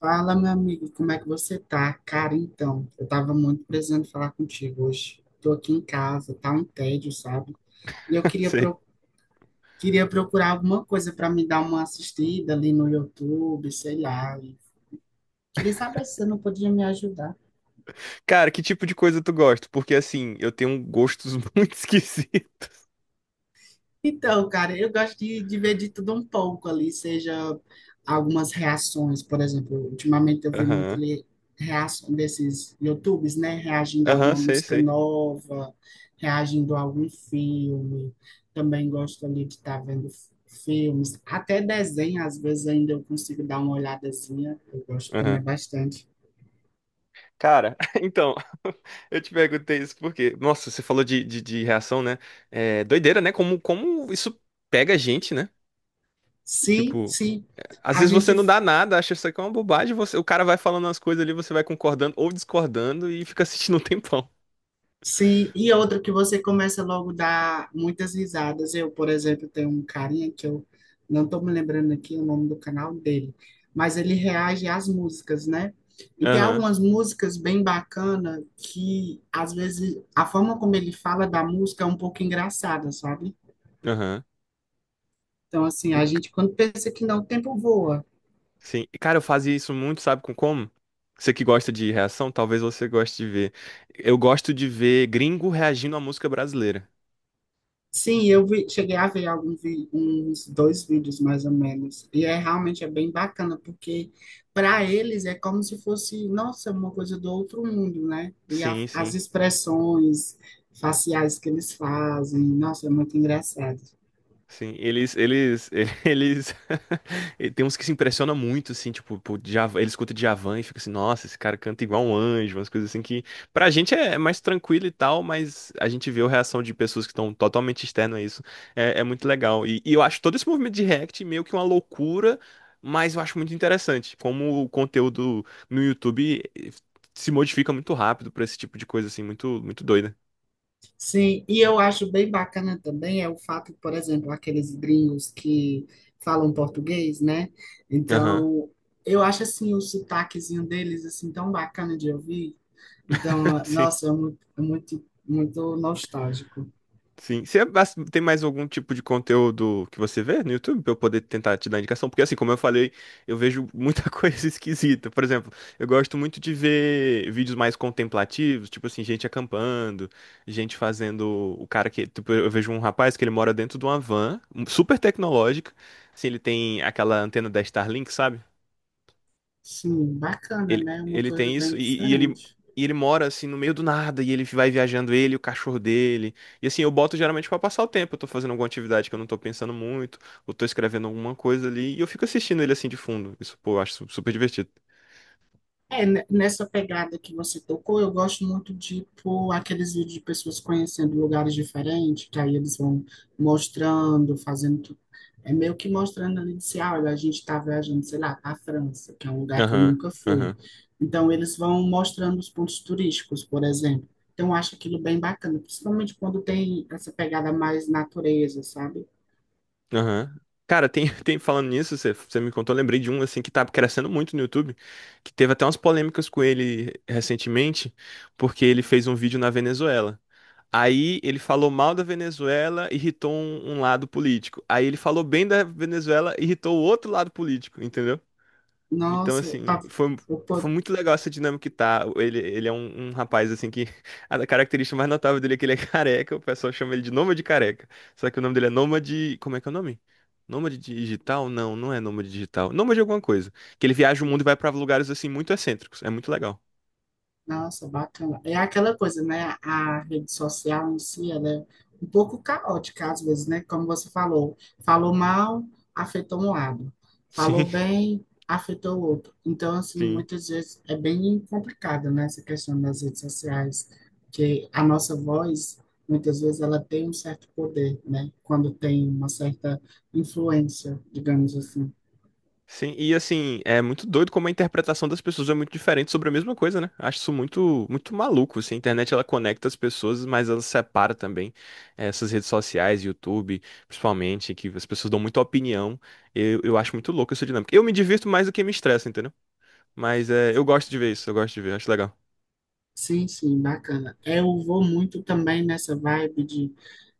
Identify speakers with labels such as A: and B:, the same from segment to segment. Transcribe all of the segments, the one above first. A: Fala, meu amigo, como é que você tá? Cara, então, eu tava muito precisando falar contigo hoje. Tô aqui em casa, tá um tédio, sabe? E eu queria,
B: Sei.
A: pro... queria procurar alguma coisa para me dar uma assistida ali no YouTube, sei lá. E queria saber se você não podia me ajudar.
B: Cara, que tipo de coisa tu gosta? Porque assim, eu tenho gostos muito esquisitos.
A: Então, cara, eu gosto de ver de tudo um pouco ali, seja algumas reações, por exemplo, ultimamente eu vi muito
B: Aham.
A: ali reação desses YouTubes, né, reagindo a
B: Aham,
A: alguma
B: sei,
A: música
B: sei.
A: nova, reagindo a algum filme. Também gosto ali de estar vendo filmes, até desenho, às vezes ainda eu consigo dar uma olhadazinha, eu gosto também
B: Aham.
A: bastante.
B: Cara, então, eu te perguntei isso porque, nossa, você falou de reação, né? É doideira, né? Como isso pega a gente, né?
A: Sim,
B: Tipo,
A: sim.
B: às
A: A
B: vezes você
A: gente
B: não dá nada, acha isso aqui é uma bobagem, você, o cara vai falando as coisas ali, você vai concordando ou discordando e fica assistindo um tempão.
A: sim, e outra que você começa logo a dar muitas risadas. Eu, por exemplo, tenho um carinha que eu não estou me lembrando aqui o nome do canal dele, mas ele reage às músicas, né? E tem
B: Aham,
A: algumas músicas bem bacanas que, às vezes, a forma como ele fala da música é um pouco engraçada, sabe?
B: aham.
A: Então, assim, a gente, quando pensa que não, o tempo voa.
B: Sim, e, cara, eu fazia isso muito, sabe com como? Você que gosta de reação, talvez você goste de ver. Eu gosto de ver gringo reagindo à música brasileira.
A: Sim, eu vi, cheguei a ver uns dois vídeos mais ou menos. E é realmente é bem bacana, porque para eles é como se fosse, nossa, uma coisa do outro mundo, né? E
B: Sim,
A: as
B: sim.
A: expressões faciais que eles fazem, nossa, é muito engraçado.
B: Sim, eles, eles, e tem uns que se impressionam muito, assim, tipo, por Djavan, eles escutam Djavan e fica assim, nossa, esse cara canta igual um anjo, umas coisas assim que, pra gente é mais tranquilo e tal, mas a gente vê a reação de pessoas que estão totalmente externas a isso, é muito legal, e eu acho todo esse movimento de React meio que uma loucura, mas eu acho muito interessante, como o conteúdo no YouTube se modifica muito rápido pra esse tipo de coisa, assim, muito, muito doida.
A: Sim, e eu acho bem bacana também é o fato, por exemplo, aqueles gringos que falam português, né?
B: Aham,
A: Então, eu acho assim o sotaquezinho deles assim tão bacana de ouvir. Então,
B: sim.
A: nossa, é muito, muito nostálgico.
B: Sim. Você tem mais algum tipo de conteúdo que você vê no YouTube pra eu poder tentar te dar indicação? Porque assim, como eu falei, eu vejo muita coisa esquisita. Por exemplo, eu gosto muito de ver vídeos mais contemplativos, tipo assim, gente acampando, gente fazendo o cara que, tipo, eu vejo um rapaz que ele mora dentro de uma van super tecnológica. Assim, ele tem aquela antena da Starlink, sabe?
A: Sim, bacana,
B: Ele,
A: né? Uma
B: ele
A: coisa
B: tem
A: bem
B: isso e, e ele
A: diferente.
B: e ele mora assim no meio do nada e ele vai viajando ele, e o cachorro dele. E assim, eu boto geralmente pra passar o tempo, eu tô fazendo alguma atividade que eu não tô pensando muito, ou tô escrevendo alguma coisa ali e eu fico assistindo ele assim de fundo. Isso, pô, eu acho super divertido.
A: É, nessa pegada que você tocou, eu gosto muito de pôr aqueles vídeos de pessoas conhecendo lugares diferentes, que aí eles vão mostrando, fazendo. É meio que mostrando ali, disse, ah, olha, a gente está viajando, sei lá, para a França, que é um lugar que eu
B: Aham,
A: nunca fui.
B: aham,
A: Então, eles vão mostrando os pontos turísticos, por exemplo. Então, eu acho aquilo bem bacana, principalmente quando tem essa pegada mais natureza, sabe?
B: aham. Cara, tem, tem falando nisso, você me contou, eu lembrei de um assim que tá crescendo muito no YouTube, que teve até umas polêmicas com ele recentemente, porque ele fez um vídeo na Venezuela. Aí ele falou mal da Venezuela, irritou um lado político. Aí ele falou bem da Venezuela, irritou o outro lado político, entendeu? Então,
A: Nossa, eu
B: assim,
A: tava-
B: foi,
A: eu
B: foi muito legal essa dinâmica que tá. Ele é um, rapaz, assim, que a característica mais notável dele é que ele é careca. O pessoal chama ele de Nômade Careca. Só que o nome dele é Nômade. Como é que é o nome? Nômade digital? Não, não é nômade digital. Nômade de alguma coisa. Que ele viaja o mundo e vai pra lugares, assim, muito excêntricos. É muito legal.
A: Nossa, bacana. É aquela coisa, né? A rede social em si, ela é um pouco caótica às vezes, né? Como você falou, falou mal, afetou um lado. Falou
B: Sim,
A: bem, afetou o outro. Então, assim,
B: sim.
A: muitas vezes é bem complicado, né? Essa questão das redes sociais, que a nossa voz, muitas vezes, ela tem um certo poder, né? Quando tem uma certa influência, digamos assim.
B: Sim, e assim, é muito doido como a interpretação das pessoas é muito diferente sobre a mesma coisa, né? Acho isso muito, muito maluco, assim. A internet, ela conecta as pessoas, mas ela separa também essas redes sociais, YouTube, principalmente, que as pessoas dão muita opinião. Eu acho muito louco essa dinâmica. Eu me divirto mais do que me estressa, entendeu? Mas eu gosto de ver isso, eu gosto de ver, acho legal.
A: Sim, sim, bacana. É, eu vou muito também nessa vibe de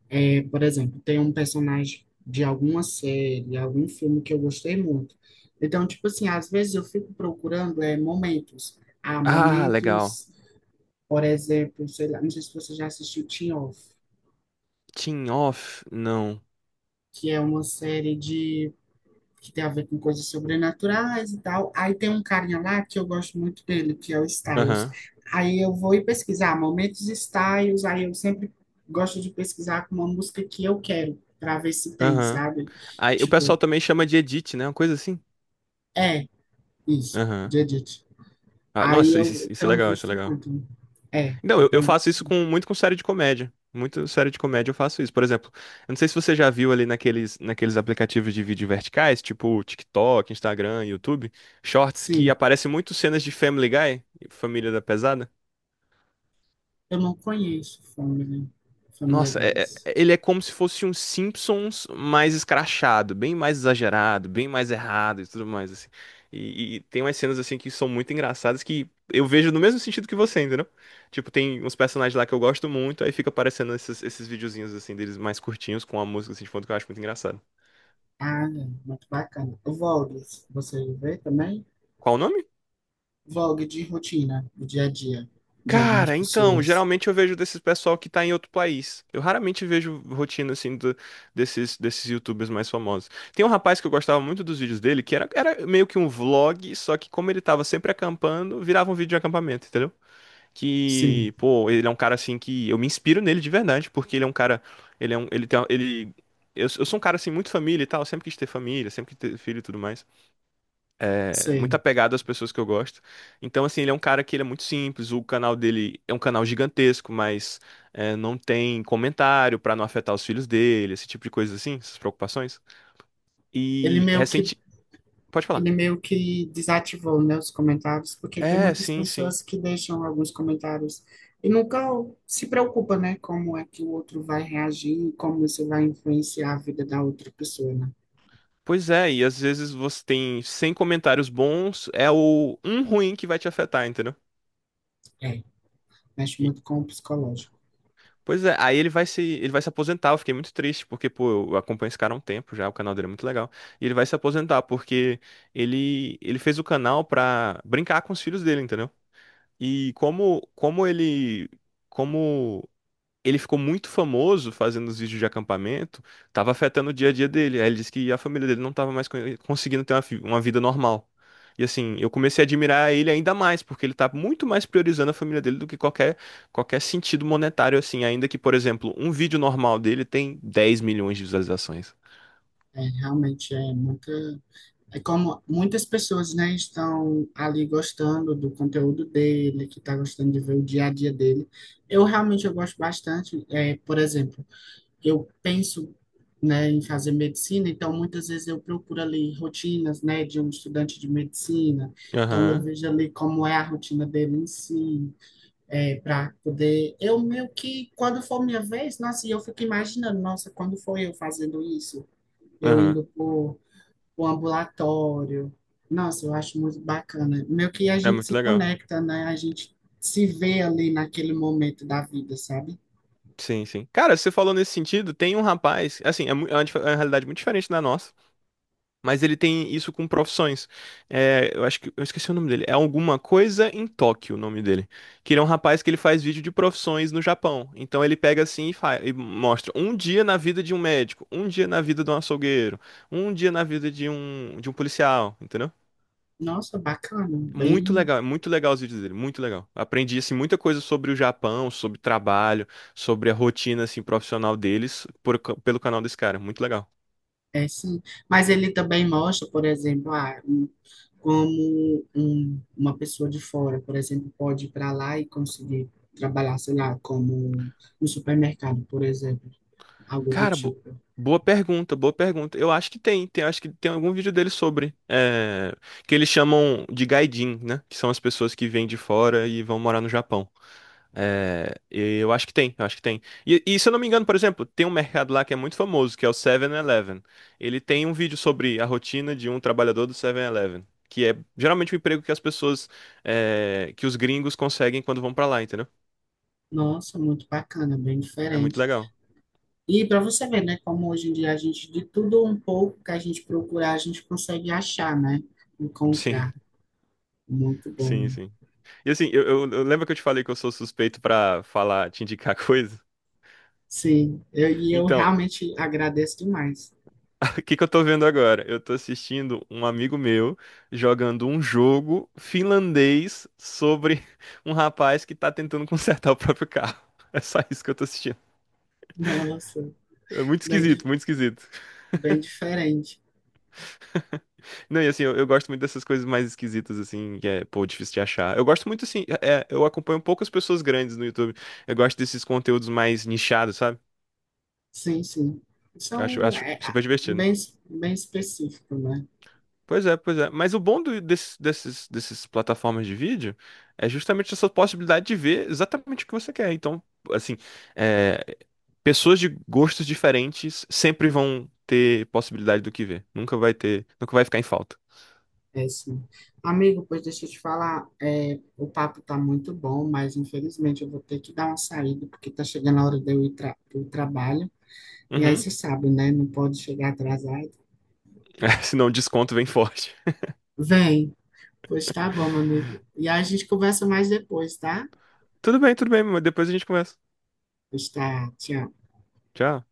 A: é, por exemplo, tem um personagem de alguma série, algum filme que eu gostei muito. Então, tipo assim, às vezes eu fico procurando é, momentos. Ah,
B: Ah, legal.
A: momentos, por exemplo, sei lá, não sei se você já assistiu Teen Off,
B: Team off? Não.
A: que é uma série de que tem a ver com coisas sobrenaturais e tal. Aí tem um carinha lá que eu gosto muito dele, que é o Styles.
B: Aham,
A: Aí eu vou e pesquisar momentos Styles, aí eu sempre gosto de pesquisar com uma música que eu quero, para ver se tem,
B: aham.
A: sabe?
B: Aí o pessoal
A: Tipo,
B: também chama de edit, né? Uma coisa assim.
A: é, isso,
B: Aham.
A: de Edith.
B: Ah,
A: Aí
B: nossa,
A: eu
B: isso é
A: tenho
B: legal, isso é
A: visto
B: legal.
A: muito. Né? É,
B: Não,
A: eu
B: eu
A: tenho
B: faço
A: visto.
B: isso com muito com série de comédia. Muito série de comédia eu faço isso. Por exemplo, eu não sei se você já viu ali naqueles aplicativos de vídeo verticais, tipo TikTok, Instagram, YouTube, Shorts, que
A: Sim,
B: aparecem muito cenas de Family Guy, Família da Pesada.
A: eu não conheço Family, Family
B: Nossa,
A: Guys.
B: ele é como se fosse um Simpsons mais escrachado, bem mais exagerado, bem mais errado e tudo mais, assim. E tem umas cenas, assim, que são muito engraçadas que eu vejo no mesmo sentido que você, entendeu? Tipo, tem uns personagens lá que eu gosto muito, aí fica aparecendo esses videozinhos, assim, deles mais curtinhos com a música, assim, de fundo que eu acho muito engraçado.
A: Ah, é, muito bacana. O Vlogs, você vê também?
B: Qual o nome?
A: Vlog de rotina, do dia a dia, de algumas
B: Cara, então,
A: pessoas.
B: geralmente eu vejo desses pessoal que tá em outro país. Eu raramente vejo rotina assim desses YouTubers mais famosos. Tem um rapaz que eu gostava muito dos vídeos dele, que era meio que um vlog, só que como ele tava sempre acampando, virava um vídeo de acampamento, entendeu?
A: Sim,
B: Que, pô, ele é um cara assim que eu me inspiro nele de verdade, porque ele é um cara, ele é um, ele tem, ele eu sou um cara assim muito família e tal, sempre quis ter família, sempre quis ter filho e tudo mais é, muito
A: sei.
B: apegado às pessoas que eu gosto. Então, assim, ele é um cara que ele é muito simples. O canal dele é um canal gigantesco, mas é, não tem comentário pra não afetar os filhos dele, esse tipo de coisa assim, essas preocupações.
A: Ele
B: E
A: meio que
B: recente. Pode falar.
A: Ele meio que desativou, né, os comentários, porque tem
B: É,
A: muitas
B: sim, sim.
A: pessoas que deixam alguns comentários e nunca se preocupa, né, como é que o outro vai reagir, como isso vai influenciar a vida da outra pessoa, né?
B: Pois é, e às vezes você tem 100 comentários bons, é o um ruim que vai te afetar, entendeu?
A: É, mexe muito com o psicológico.
B: Pois é, aí ele vai se aposentar. Eu fiquei muito triste, porque, pô, eu acompanho esse cara há um tempo já, o canal dele é muito legal. E ele vai se aposentar, porque ele fez o canal pra brincar com os filhos dele, entendeu? E como ele ficou muito famoso fazendo os vídeos de acampamento, tava afetando o dia a dia dele. Aí ele disse que a família dele não tava mais conseguindo ter uma vida normal. E assim, eu comecei a admirar ele ainda mais, porque ele tá muito mais priorizando a família dele do que qualquer sentido monetário, assim. Ainda que, por exemplo, um vídeo normal dele tem 10 milhões de visualizações.
A: É, realmente é muita é como muitas pessoas, né, estão ali gostando do conteúdo dele, que está gostando de ver o dia a dia dele. Eu realmente eu gosto bastante, é, por exemplo, eu penso, né, em fazer medicina, então muitas vezes eu procuro ali rotinas, né, de um estudante de medicina. Então eu
B: Aham,
A: vejo ali como é a rotina dele em si, é, para poder. Eu meio que, quando for minha vez, nossa, e eu fico imaginando, nossa, quando foi eu fazendo isso? Eu
B: aham.
A: indo pro, pro ambulatório. Nossa, eu acho muito bacana. Meio que a
B: É
A: gente
B: muito
A: se
B: legal.
A: conecta, né? A gente se vê ali naquele momento da vida, sabe?
B: Sim, sim. Cara, você falou nesse sentido, tem um rapaz, assim, é uma realidade muito diferente da nossa. Mas ele tem isso com profissões. É, eu acho que eu esqueci o nome dele. É alguma coisa em Tóquio, o nome dele. Que ele é um rapaz que ele faz vídeo de profissões no Japão. Então ele pega assim e, faz, e mostra um dia na vida de um médico, um dia na vida de um açougueiro, um dia na vida de um policial, entendeu?
A: Nossa, bacana,
B: Muito
A: bem
B: legal, é muito legal os vídeos dele, muito legal. Aprendi assim muita coisa sobre o Japão, sobre trabalho, sobre a rotina assim profissional deles pelo canal desse cara, muito legal.
A: é, sim. Mas ele também mostra, por exemplo, como uma pessoa de fora, por exemplo, pode ir para lá e conseguir trabalhar, sei lá, como no supermercado, por exemplo, algo do
B: Cara,
A: tipo.
B: boa pergunta, boa pergunta. Eu acho que tem, acho que tem algum vídeo dele sobre, é, que eles chamam de gaijin, né? Que são as pessoas que vêm de fora e vão morar no Japão. É, e eu acho que tem. E se eu não me engano, por exemplo, tem um mercado lá que é muito famoso, que é o Seven eleven Ele tem um vídeo sobre a rotina de um trabalhador do Seven eleven que é geralmente o emprego que as pessoas, é, que os gringos conseguem quando vão pra lá, entendeu?
A: Nossa, muito bacana, bem
B: É muito
A: diferente.
B: legal.
A: E para você ver, né, como hoje em dia a gente, de tudo um pouco que a gente procurar, a gente consegue achar, né?
B: Sim.
A: Encontrar. Muito bom.
B: Sim, sim. E assim, eu, eu lembro que eu te falei que eu sou suspeito pra falar, te indicar coisa?
A: Sim, eu, e eu
B: Então,
A: realmente agradeço demais.
B: o que que eu tô vendo agora? Eu tô assistindo um amigo meu jogando um jogo finlandês sobre um rapaz que tá tentando consertar o próprio carro. É só isso que eu tô assistindo.
A: Nossa,
B: É muito
A: bem,
B: esquisito,
A: di-
B: muito esquisito.
A: bem diferente.
B: Não, e assim, eu, gosto muito dessas coisas mais esquisitas, assim, que é, pô, difícil de achar. Eu gosto muito, assim, é, eu acompanho poucas pessoas grandes no YouTube. Eu gosto desses conteúdos mais nichados, sabe?
A: Sim, sim.
B: Eu Acho,
A: São
B: acho
A: é,
B: super divertido.
A: bem, bem específico, né?
B: Pois é, pois é. Mas o bom dessas plataformas de vídeo é justamente essa possibilidade de ver exatamente o que você quer. Então, assim, é, pessoas de gostos diferentes sempre vão ter possibilidade do que ver. Nunca vai ter, nunca vai ficar em falta.
A: É sim. Amigo, pois deixa eu te falar, é, o papo tá muito bom, mas infelizmente eu vou ter que dar uma saída, porque tá chegando a hora de eu ir para o trabalho. E aí
B: Uhum.
A: você sabe, né? Não pode chegar atrasado.
B: Senão o desconto vem forte.
A: Vem, pois tá bom, meu amigo. E aí a gente conversa mais depois, tá?
B: Tudo bem, mas depois a gente conversa.
A: Pois tá, tchau.
B: Tchau.